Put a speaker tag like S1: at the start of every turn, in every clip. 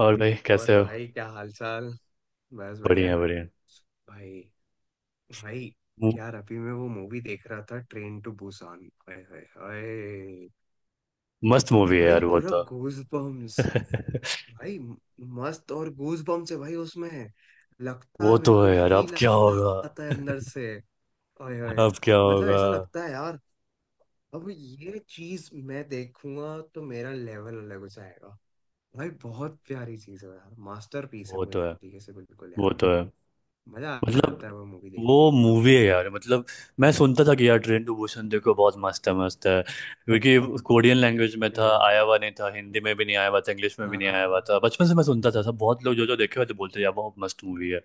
S1: और भाई
S2: और
S1: कैसे हो।
S2: भाई क्या हाल चाल। बस
S1: बढ़िया
S2: बढ़िया।
S1: बढ़िया।
S2: भाई। भाई।
S1: मु-
S2: यार अभी मैं वो मूवी देख रहा था train to Busan. Hi hi hi.
S1: मस्त मूवी है
S2: भाई
S1: यार वो
S2: पूरा
S1: तो।
S2: Goose bumps. भाई मस्त और गूज बम्स है भाई उसमें। लगता
S1: वो
S2: है
S1: तो है
S2: बिल्कुल
S1: यार, अब
S2: फील
S1: क्या
S2: आता है
S1: होगा।
S2: अंदर से। हाय हाय।
S1: अब क्या
S2: मतलब
S1: होगा।
S2: ऐसा लगता है यार। अब ये चीज मैं देखूंगा तो मेरा लेवल अलग हो जाएगा। भाई बहुत प्यारी चीज है यार, मास्टरपीस है
S1: वो
S2: वो
S1: तो
S2: एक
S1: है।
S2: तरीके से बिल्कुल
S1: वो
S2: यार।
S1: तो है।
S2: मजा आ
S1: मतलब
S2: जाता है वो मूवी देख
S1: वो
S2: के एकदम।
S1: मूवी है यार, मतलब मैं सुनता था कि यार ट्रेन टू बुसान देखो, बहुत मस्त है, मस्त है, क्योंकि कोरियन लैंग्वेज में था,
S2: कोरियन।
S1: आया हुआ नहीं था, हिंदी में भी नहीं आया हुआ था, इंग्लिश में भी नहीं आया हुआ
S2: हाँ।
S1: था। बचपन से मैं सुनता था, सब बहुत लोग जो जो देखे हुए थे बोलते थे, यार बहुत मस्त मूवी है।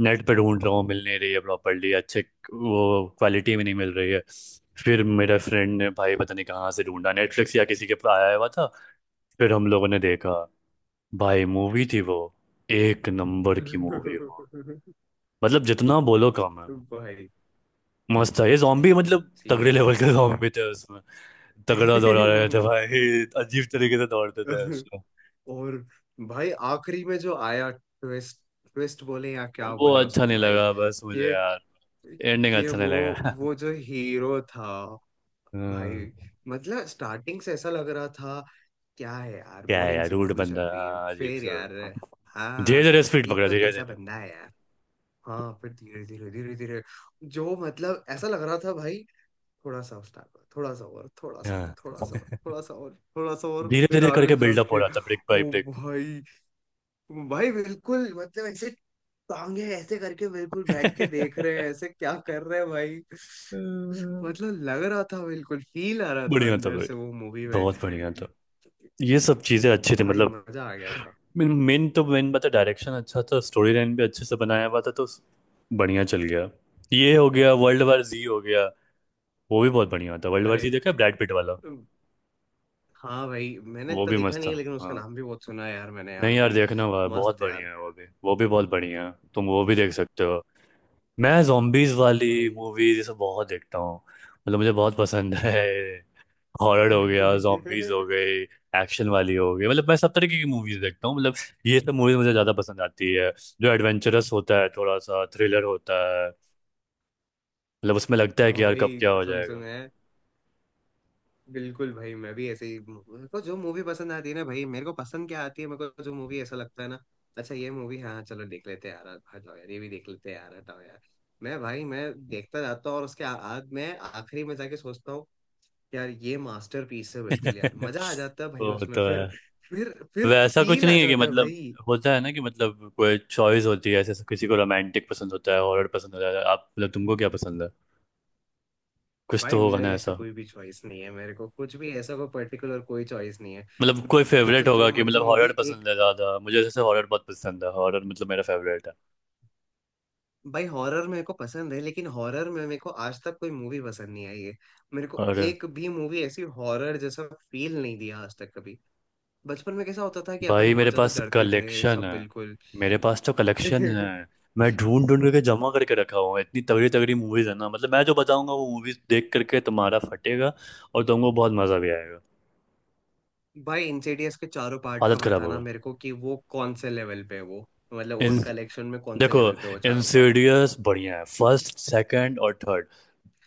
S1: नेट पे ढूंढ रहा हूँ, मिल नहीं रही है प्रॉपरली अच्छे। वो क्वालिटी में नहीं मिल रही है। फिर मेरा फ्रेंड ने भाई पता नहीं कहाँ से ढूंढा, नेटफ्लिक्स या किसी के पर आया हुआ था। फिर हम लोगों ने देखा। भाई मूवी थी वो, एक नंबर की मूवी वो। मतलब जितना बोलो कम है।
S2: भाई।
S1: मस्त था ये जॉम्बी, मतलब तगड़े
S2: सीरियसली।
S1: लेवल के जॉम्बी थे उसमें। तगड़ा दौड़ा रहे थे भाई, अजीब तरीके से दौड़ते थे उसमें।
S2: और भाई आखिरी में जो आया ट्विस्ट, ट्विस्ट बोले या क्या
S1: वो
S2: बोले
S1: अच्छा
S2: उसको
S1: नहीं
S2: भाई।
S1: लगा बस मुझे
S2: कि
S1: यार। एंडिंग
S2: कि
S1: अच्छा नहीं
S2: वो
S1: लगा।
S2: वो जो हीरो था भाई,
S1: हम्म,
S2: मतलब स्टार्टिंग से ऐसा लग रहा था क्या है यार,
S1: क्या है
S2: बोरिंग
S1: यार,
S2: सी
S1: रूड
S2: मूवी
S1: बंदा।
S2: चल रही है
S1: हाँ, अजीब
S2: फिर
S1: से।
S2: यार।
S1: धीरे
S2: हाँ,
S1: धीरे स्पीड
S2: ये
S1: पकड़ा,
S2: तो
S1: धीरे
S2: कैसा
S1: धीरे।
S2: बंदा है। हाँ फिर धीरे धीरे धीरे धीरे जो मतलब ऐसा लग रहा था भाई, थोड़ा सा उस टाइम थोड़ा सा और थोड़ा सा और
S1: हाँ,
S2: थोड़ा सा और थोड़ा सा और थोड़ा सा और
S1: धीरे
S2: फिर
S1: धीरे करके
S2: आगे
S1: बिल्डअप हो
S2: जाके
S1: रहा था, ब्रेक बाय
S2: ओ
S1: ब्रेक।
S2: भाई। भाई बिल्कुल मतलब ऐसे टांगे ऐसे करके बिल्कुल बैठ के देख रहे हैं ऐसे, क्या कर रहे हैं भाई। मतलब लग रहा था बिल्कुल फील आ रहा था
S1: बढ़िया था
S2: अंदर
S1: भाई।
S2: से वो मूवी में।
S1: बहुत बढ़िया था। ये सब चीजें अच्छी थी
S2: भाई
S1: मतलब।
S2: मजा आ गया था।
S1: मेन मेन तो मेन बात है, डायरेक्शन अच्छा था, स्टोरी लाइन भी अच्छे से बनाया हुआ था, तो बढ़िया चल गया। ये हो गया वर्ल्ड वार जी, हो गया। वो भी बहुत बढ़िया था, वर्ल्ड वार जी
S2: अरे
S1: देखा, ब्रैड पिट वाला।
S2: हाँ भाई, मैंने
S1: वो
S2: इतना
S1: भी
S2: देखा
S1: मस्त
S2: नहीं
S1: था।
S2: है लेकिन उसका
S1: हाँ,
S2: नाम भी बहुत सुना है यार मैंने, यार
S1: नहीं यार
S2: भाई।
S1: देखना हुआ, बहुत
S2: मस्त यार।
S1: बढ़िया है वो भी, वो भी बहुत बढ़िया है, तुम वो भी देख सकते हो। मैं जॉम्बीज वाली
S2: भाई।
S1: मूवीज ये सब बहुत देखता हूँ, मतलब मुझे बहुत पसंद है। हॉरर हो गया, zombies हो गए, एक्शन वाली हो गई, मतलब मैं सब तरीके की मूवीज देखता हूँ। मतलब ये सब मूवीज मुझे ज्यादा पसंद आती है, जो एडवेंचरस होता है, थोड़ा सा थ्रिलर होता है। मतलब उसमें लगता है कि
S2: हाँ
S1: यार कब
S2: भाई
S1: क्या हो
S2: कसम से
S1: जाएगा।
S2: मैं बिल्कुल भाई, मैं भी ऐसे ही, मेरे को जो मूवी पसंद आती है ना भाई, मेरे को पसंद क्या आती है, मेरे को जो मूवी ऐसा लगता है ना अच्छा ये मूवी, हाँ चलो देख लेते हैं यार, हटाओ यार ये भी देख लेते हैं यार, हटाओ यार। मैं भाई मैं देखता जाता हूँ और उसके आज मैं आखिरी में जाके सोचता हूँ यार ये मास्टरपीस है बिल्कुल यार, मजा आ जाता है भाई
S1: वो
S2: उसमें
S1: तो है।
S2: फिर। फिर
S1: वैसा कुछ
S2: फील आ
S1: नहीं है कि
S2: जाता है
S1: मतलब,
S2: भाई।
S1: होता है ना कि, मतलब कोई चॉइस होती है ऐसे, किसी को रोमांटिक पसंद होता है, हॉरर पसंद होता है। आप मतलब तुमको क्या पसंद है, कुछ तो
S2: भाई
S1: होगा
S2: मेरे
S1: ना
S2: ऐसा
S1: ऐसा।
S2: कोई भी चॉइस नहीं है, मेरे को कुछ भी ऐसा कोई पर्टिकुलर कोई चॉइस नहीं है।
S1: मतलब कोई
S2: मैं तो
S1: फेवरेट होगा
S2: जो
S1: कि,
S2: मर्जी
S1: मतलब हॉरर
S2: मूवी एक।
S1: पसंद है ज्यादा मुझे, जैसे हॉरर बहुत पसंद है, हॉरर मतलब मेरा फेवरेट है।
S2: भाई हॉरर मेरे को पसंद है लेकिन हॉरर में मेरे को आज तक कोई मूवी पसंद नहीं आई है। मेरे को
S1: और
S2: एक भी मूवी ऐसी हॉरर जैसा फील नहीं दिया आज तक कभी। बचपन में कैसा होता था कि अपन
S1: भाई मेरे
S2: बहुत ज्यादा
S1: पास
S2: डरते थे
S1: कलेक्शन
S2: सब
S1: है।
S2: बिल्कुल।
S1: मेरे पास तो कलेक्शन है। मैं ढूंढ ढूंढ करके जमा करके रखा हुआ है, इतनी तगड़ी तगड़ी मूवीज है ना, मतलब मैं जो बताऊंगा वो मूवीज देख करके तुम्हारा फटेगा, और तुमको बहुत मजा भी आएगा।
S2: भाई इंसिडियस के चारों पार्ट का
S1: हालत खराब
S2: बताना
S1: होगा।
S2: मेरे को कि वो कौन से लेवल पे है वो, मतलब
S1: इन
S2: उन कलेक्शन में कौन से
S1: देखो,
S2: लेवल पे है वो चारों पार्ट।
S1: इंसिडियस बढ़िया है, फर्स्ट सेकंड और थर्ड,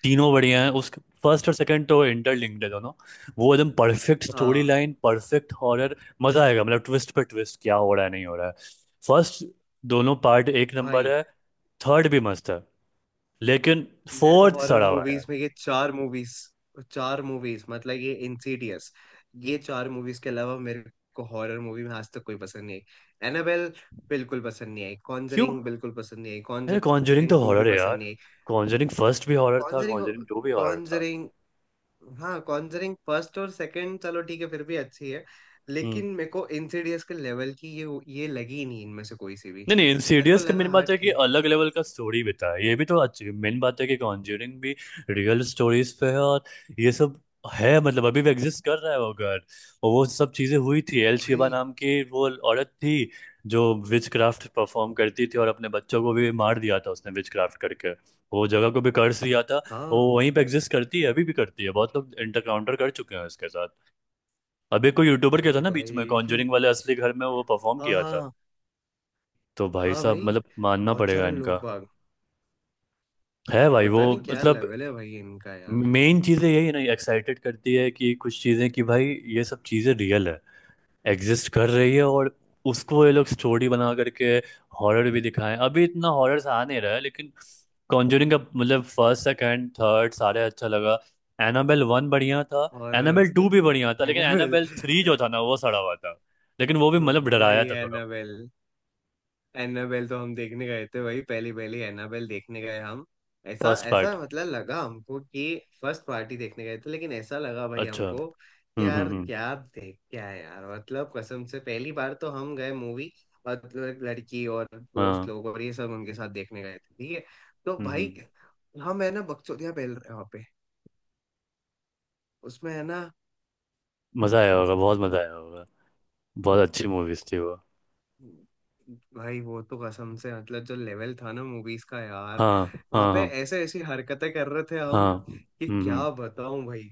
S1: तीनों बढ़िया हैं उस। फर्स्ट और सेकंड तो इंटरलिंक्ड है दोनों, वो एकदम परफेक्ट स्टोरी
S2: हाँ।
S1: Line, perfect horror. मजा आएगा, मतलब ट्विस्ट पे ट्विस्ट, क्या हो रहा है नहीं हो रहा है। फर्स्ट दोनों पार्ट एक नंबर
S2: भाई
S1: है। थर्ड भी मस्त है, लेकिन
S2: मेरे को
S1: फोर्थ
S2: हॉरर
S1: सड़ा हुआ है यार।
S2: मूवीज में ये चार मूवीज, चार मूवीज मतलब ये इंसीडियस, ये चार मूवीज के अलावा मेरे को हॉरर मूवी में आज तक कोई पसंद नहीं आई। एनाबेल बिल्कुल पसंद नहीं आई,
S1: क्यों?
S2: कॉन्जरिंग बिल्कुल पसंद नहीं आई,
S1: अरे कॉन्जरिंग तो
S2: कॉन्जरिंग टू भी
S1: हॉरर है
S2: पसंद
S1: यार,
S2: नहीं आई।
S1: कॉन्जरिंग फर्स्ट भी हॉरर था,
S2: कॉन्जरिंग
S1: कॉन्जरिंग टू भी हॉरर था।
S2: कॉन्जरिंग हाँ कॉन्जरिंग फर्स्ट और सेकंड चलो ठीक है फिर भी अच्छी है,
S1: हम्म।
S2: लेकिन मेरे को इंसीडियस के लेवल की ये लगी ही नहीं इनमें से कोई सी भी।
S1: नहीं नहीं,
S2: मेरे को
S1: इंसीडियस का मेन
S2: लगा हाँ
S1: बात है कि
S2: ठीक है।
S1: अलग लेवल का स्टोरी बिता है, ये भी तो अच्छी, मेन बात है कि कॉन्ज्यूरिंग भी रियल स्टोरीज पे है, और ये सब है, मतलब अभी भी एग्जिस्ट कर रहा है वो घर, और वो सब चीजें हुई थी। एल शिबा
S2: भाई।
S1: नाम की वो औरत थी जो विच क्राफ्ट परफॉर्म करती थी, और अपने बच्चों को भी मार दिया था उसने विच क्राफ्ट करके, वो जगह को भी कर्स दिया था। वो
S2: हाँ।
S1: वहीं पे एग्जिस्ट करती है, अभी भी करती है, बहुत लोग इंटरकाउंटर कर चुके हैं उसके साथ। अभी कोई यूट्यूबर किया
S2: अरे
S1: था ना बीच में,
S2: भाई।
S1: कॉन्ज्यूरिंग वाले असली घर में वो परफॉर्म
S2: हाँ
S1: किया था।
S2: हाँ
S1: तो भाई
S2: हाँ।
S1: साहब
S2: भाई
S1: मतलब मानना
S2: बहुत
S1: पड़ेगा
S2: सारे
S1: इनका,
S2: लोग बाग,
S1: है भाई वो।
S2: पता नहीं क्या
S1: मतलब
S2: लेवल है भाई इनका यार।
S1: मेन चीज़ें यही है ना, एक्साइटेड करती है, कि कुछ चीज़ें कि भाई ये सब चीज़ें रियल है, एग्जिस्ट कर रही है, और उसको ये लोग स्टोरी बना करके हॉरर भी दिखाएं। अभी इतना हॉरर आ नहीं रहा है लेकिन। कॉन्जरिंग का मतलब फर्स्ट सेकंड थर्ड सारे अच्छा लगा। एनाबेल वन बढ़िया था,
S2: हॉरर।
S1: एनाबेल टू भी बढ़िया था, लेकिन
S2: एनाबेल।
S1: एनाबेल थ्री जो था ना वो सड़ा हुआ था, लेकिन वो भी मतलब
S2: भाई
S1: डराया था थोड़ा।
S2: एनाबेल, एनाबेल तो हम देखने गए थे भाई, पहली पहली एनाबेल देखने गए हम। ऐसा
S1: फर्स्ट
S2: ऐसा
S1: पार्ट
S2: मतलब लगा हमको कि फर्स्ट पार्टी देखने गए थे, लेकिन ऐसा लगा भाई
S1: अच्छा।
S2: हमको कि यार
S1: हम्म।
S2: क्या देख क्या है यार, मतलब कसम से पहली बार तो हम गए मूवी, और लड़की और
S1: हाँ।
S2: दोस्त लोग और ये सब उनके साथ देखने गए थे ठीक है, तो
S1: हम्म
S2: भाई
S1: हम्म।
S2: हम है ना बकचोदिया पहल उसमें है ना
S1: मजा आया होगा, बहुत मजा आया होगा। बहुत अच्छी मूवीज थी वो।
S2: भाई। वो तो कसम से मतलब जो लेवल था ना मूवीज का यार,
S1: हाँ
S2: वहां
S1: हाँ
S2: पे
S1: हाँ
S2: ऐसे ऐसी हरकतें कर रहे थे हम
S1: हाँ।
S2: कि
S1: हम्म
S2: क्या बताऊं भाई।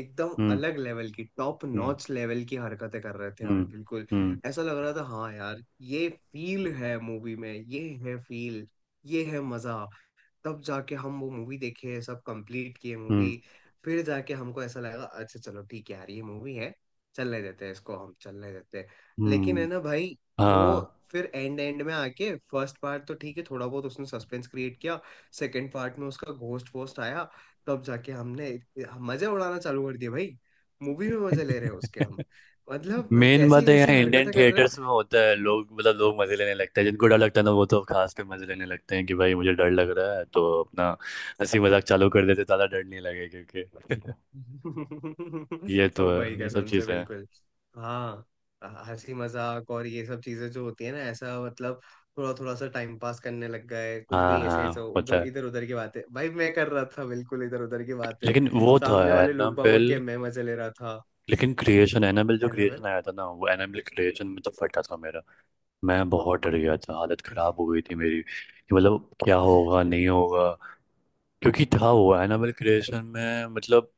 S2: एकदम
S1: हम्म
S2: अलग लेवल की टॉप
S1: हम्म
S2: नॉच लेवल की हरकतें कर रहे थे
S1: हम्म।
S2: हम बिल्कुल।
S1: हम्म
S2: ऐसा लग रहा था हाँ यार, ये फील है मूवी में, ये है फील, ये है मजा। तब जाके हम वो मूवी देखे, सब कंप्लीट किए
S1: हम्म हम्म,
S2: मूवी। फिर जाके हमको ऐसा लगा अच्छा चलो ठीक है यार ये मूवी है, चलने देते हैं इसको, हम चलने देते हैं, लेकिन है
S1: हम्म,
S2: ना भाई वो
S1: हाँ।
S2: फिर एंड एंड में आके फर्स्ट पार्ट तो ठीक है थोड़ा बहुत उसने सस्पेंस क्रिएट किया, सेकंड पार्ट में उसका घोस्ट वोस्ट आया, तब जाके हमने मजे उड़ाना चालू कर दिया भाई। मूवी में मजे ले रहे हैं उसके हम, मतलब
S1: मेन
S2: कैसी
S1: बात है,
S2: कैसी
S1: यहाँ इंडियन
S2: हरकतें कर रहे
S1: थिएटर्स
S2: हैं।
S1: में होता है, लोग मतलब लोग मजे लेने लगते हैं। जिनको डर लगता है ना वो तो खास पे मजे लेने लगते हैं, कि भाई मुझे डर लग रहा है तो अपना हंसी मजाक चालू कर देते, ज्यादा डर नहीं लगे क्योंकि। ये तो
S2: तो
S1: है,
S2: भाई
S1: ये सब
S2: कसम से
S1: चीज़ें हैं।
S2: बिल्कुल। हाँ, हंसी मजाक और ये सब चीजें जो होती है ना ऐसा मतलब, थोड़ा थोड़ा सा टाइम पास करने लग गए कुछ
S1: हाँ
S2: भी ऐसे
S1: हाँ
S2: ऐसे
S1: होता
S2: उधर,
S1: है।
S2: इधर उधर की बातें भाई मैं कर रहा था बिल्कुल, इधर उधर की बातें।
S1: लेकिन वो था
S2: सामने वाले लोग बागों
S1: एनाबेल,
S2: के मैं मजे ले रहा था
S1: लेकिन क्रिएशन एनाबेल, जो
S2: है ना भाई।
S1: क्रिएशन आया था ना, वो एनाबेल क्रिएशन में तो फटा था मेरा। मैं बहुत डर गया था, हालत खराब हो गई थी मेरी, कि मतलब क्या होगा नहीं होगा, क्योंकि था वो एनाबेल क्रिएशन में, मतलब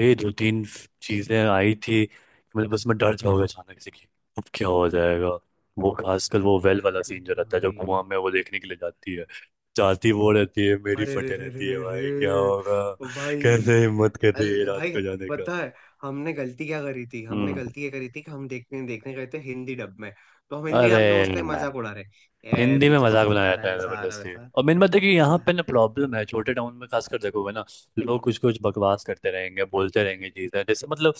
S1: ये दो तीन चीजें आई थी कि मतलब बस मैं डर जाओगे अचानक से, कि अब क्या हो जाएगा। वो खासकर वो वेल वाला सीन जो रहता है, जो
S2: भाई
S1: कुआं में वो देखने के लिए जाती है, जाती वो रहती है, मेरी
S2: अरे रे
S1: फटे
S2: रे
S1: रहती है
S2: रे
S1: भाई क्या होगा,
S2: रे। भाई
S1: कैसे हिम्मत कर
S2: अल
S1: रही है रात
S2: भाई,
S1: को जाने का।
S2: पता है हमने गलती क्या करी थी, हमने
S1: हम्म।
S2: गलती ये करी थी कि हम देखने देखने गए थे हिंदी डब में, तो हम हिंदी
S1: अरे,
S2: डब में उसका ही मजाक उड़ा रहे, ए
S1: हिंदी में
S2: पीछे से
S1: मजाक
S2: भूत
S1: बनाया
S2: आ रहा
S1: जाता
S2: है
S1: है
S2: ऐसा आ रहा है
S1: जबरदस्ती,
S2: वैसा आ
S1: और मेन बात है कि यहाँ
S2: रहा है।
S1: पे ना प्रॉब्लम है, छोटे टाउन में खासकर देखोगे ना, लोग कुछ कुछ बकवास करते रहेंगे, बोलते रहेंगे चीजें, जैसे मतलब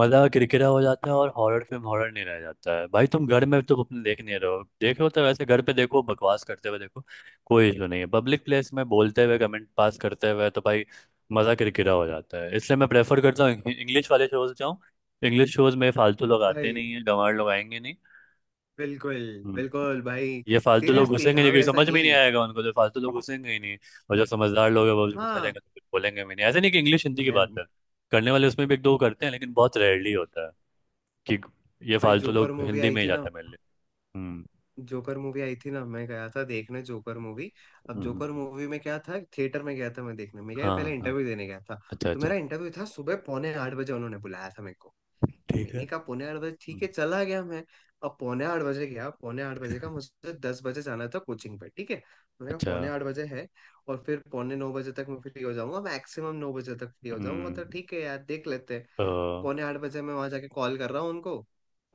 S1: मजा किरकिरा हो जाता है, और हॉरर फिल्म हॉरर नहीं रह जाता है भाई। तुम घर में तो अपने देख नहीं रहे हो, देख रहे हो तो वैसे घर पे देखो, बकवास करते हुए देखो, कोई इशू नहीं है। पब्लिक प्लेस में बोलते हुए, कमेंट पास करते हुए, तो भाई मजा किरकिरा हो जाता है, इसलिए मैं प्रेफर करता हूँ इंग्लिश वाले शोज जाऊँ। इंग्लिश शोज में फालतू लोग आते
S2: भाई
S1: नहीं है, गंवार लोग आएंगे नहीं,
S2: बिल्कुल, बिल्कुल भाई।
S1: ये फालतू लोग हाँ
S2: सीरियसली
S1: घुसेंगे नहीं,
S2: हम
S1: क्योंकि
S2: ऐसा
S1: समझ में ही नहीं
S2: यही।
S1: आएगा उनको, जो फालतू लोग घुसेंगे ही नहीं। और जो समझदार लोग हैं वो जो घुसे
S2: हाँ।
S1: रहेंगे तो कुछ बोलेंगे भी नहीं, ऐसे नहीं कि इंग्लिश हिंदी की बात
S2: मैं।
S1: है, करने वाले उसमें भी एक दो करते हैं लेकिन बहुत रेयरली होता है कि, ये
S2: भाई
S1: फालतू
S2: जोकर
S1: लोग
S2: मूवी
S1: हिंदी
S2: आई
S1: में ही
S2: थी ना,
S1: जाता है मेरे लिए। हम्म
S2: जोकर मूवी आई थी ना मैं गया था देखने जोकर मूवी। अब
S1: हम्म,
S2: जोकर
S1: हम्म,
S2: मूवी में क्या था, थिएटर में गया था मैं देखने, मैं क्या पहले
S1: हाँ हाँ।
S2: इंटरव्यू देने गया था।
S1: अच्छा
S2: तो
S1: अच्छा।
S2: मेरा इंटरव्यू था सुबह पौने 8 बजे, उन्होंने बुलाया था मेरे को।
S1: ठीक है।
S2: मैंने कहा पौने 8 बजे ठीक
S1: हम्म,
S2: है, चला गया मैं। अब पौने 8 बजे गया, पौने 8 बजे का मुझे 10 बजे जाना था कोचिंग पे, ठीक है मैंने कहा
S1: अच्छा।
S2: पौने आठ बजे है और फिर पौने 9 बजे तक मैं फ्री हो जाऊंगा, मैक्सिमम 9 बजे तक फ्री हो जाऊंगा, तो
S1: हम्म।
S2: ठीक है यार देख लेते हैं।
S1: तो
S2: पौने 8 बजे मैं वहां जाके कॉल कर रहा हूँ उनको,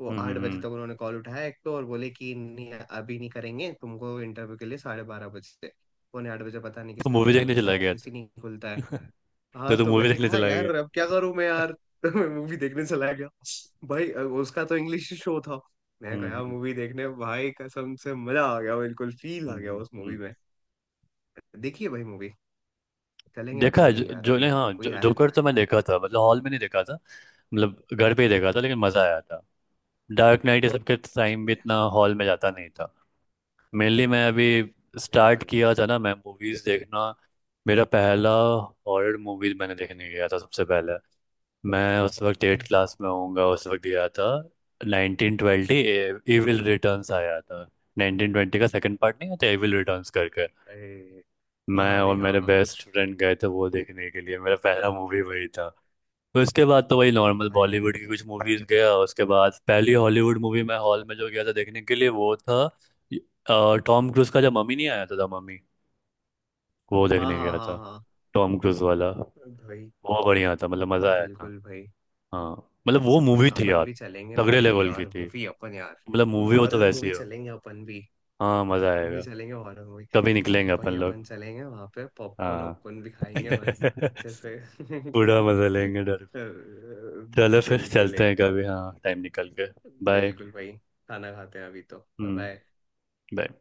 S2: वो
S1: हम्म
S2: आठ
S1: हम्म,
S2: बजे तक
S1: हम्म,
S2: उन्होंने कॉल उठाया एक तो, और बोले कि नहीं अभी नहीं करेंगे तुमको इंटरव्यू के लिए, 12:30 बजे। पौने 8 बजे पता नहीं
S1: तो
S2: किसने
S1: मूवी
S2: बोला
S1: देखने
S2: तुमको,
S1: चला गया
S2: ऑफिस ही नहीं खुलता है।
S1: था।
S2: हाँ
S1: तो तू
S2: तो
S1: मूवी
S2: मैंने
S1: देखने
S2: कहा
S1: चला गया।
S2: यार अब क्या करूं मैं यार। तो मैं मूवी देखने चला गया भाई। उसका तो इंग्लिश शो था, मैं
S1: हम्म
S2: गया
S1: हम्म
S2: मूवी देखने भाई, कसम से मजा आ गया बिल्कुल, फील आ
S1: हम्म,
S2: गया उस
S1: हम्म,
S2: मूवी
S1: हम्म।
S2: में। देखिए भाई मूवी चलेंगे
S1: देखा
S2: अपन
S1: है, जो,
S2: भाई यार
S1: जो ने
S2: अभी।
S1: हाँ
S2: कोई
S1: जो,
S2: आया।
S1: जोकर तो मैं देखा था, मतलब हॉल में नहीं देखा था, मतलब घर पे ही देखा था, लेकिन मजा आया था। डार्क नाइट ये सब के टाइम भी
S2: चले
S1: इतना हॉल में जाता नहीं था, मेनली मैं अभी
S2: भाई
S1: स्टार्ट
S2: अपन।
S1: किया था ना मैं मूवीज देखना। मेरा पहला हॉरर मूवीज मैंने देखने गया था सबसे पहले, मैं उस वक्त एट क्लास में होऊंगा उस वक्त गया था। 1920 एविल रिटर्न्स आया था, नाइनटीन ट्वेंटी का सेकंड पार्ट नहीं आता एविल रिटर्न्स करके।
S2: अरे हाँ
S1: मैं
S2: हाँ
S1: और
S2: भाई, हाँ
S1: मेरे
S2: हाँ
S1: बेस्ट फ्रेंड गए थे वो देखने के लिए, मेरा पहला मूवी वही था। तो उसके बाद तो वही नॉर्मल
S2: भाई,
S1: बॉलीवुड की कुछ मूवीज गया, उसके बाद पहली हॉलीवुड मूवी मैं हॉल में जो गया था देखने के लिए वो था, टॉम क्रूज का, जब मम्मी नहीं आया था, द मम्मी, वो
S2: हाँ
S1: देखने
S2: हाँ
S1: गया
S2: हाँ
S1: था,
S2: हाँ
S1: टॉम क्रूज वाला।
S2: भाई,
S1: वो बढ़िया था मतलब, मजा आया था।
S2: बिल्कुल भाई।
S1: हाँ, मतलब वो मूवी थी
S2: अपन
S1: यार,
S2: भी चलेंगे
S1: तगड़े
S2: भाई
S1: लेवल की
S2: यार
S1: थी,
S2: मूवी अपन यार,
S1: मतलब मूवी हो तो
S2: हॉरर
S1: वैसी
S2: मूवी
S1: हो।
S2: चलेंगे अपन भी,
S1: हाँ मजा
S2: अपन भी
S1: आएगा।
S2: चलेंगे हॉरर मूवी।
S1: कभी निकलेंगे अपन
S2: भाई
S1: लोग।
S2: अपन चलेंगे वहां पे पॉपकॉर्न
S1: हाँ।
S2: वॉपकॉर्न भी खाएंगे बस अच्छे से।
S1: पूरा मजा लेंगे डर। चलो फिर
S2: बिल्कुल
S1: चलते हैं कभी,
S2: एकदम,
S1: हाँ टाइम निकाल के। बाय।
S2: बिल्कुल भाई। खाना खाते हैं, अभी तो
S1: हम्म।
S2: बाय।
S1: bye.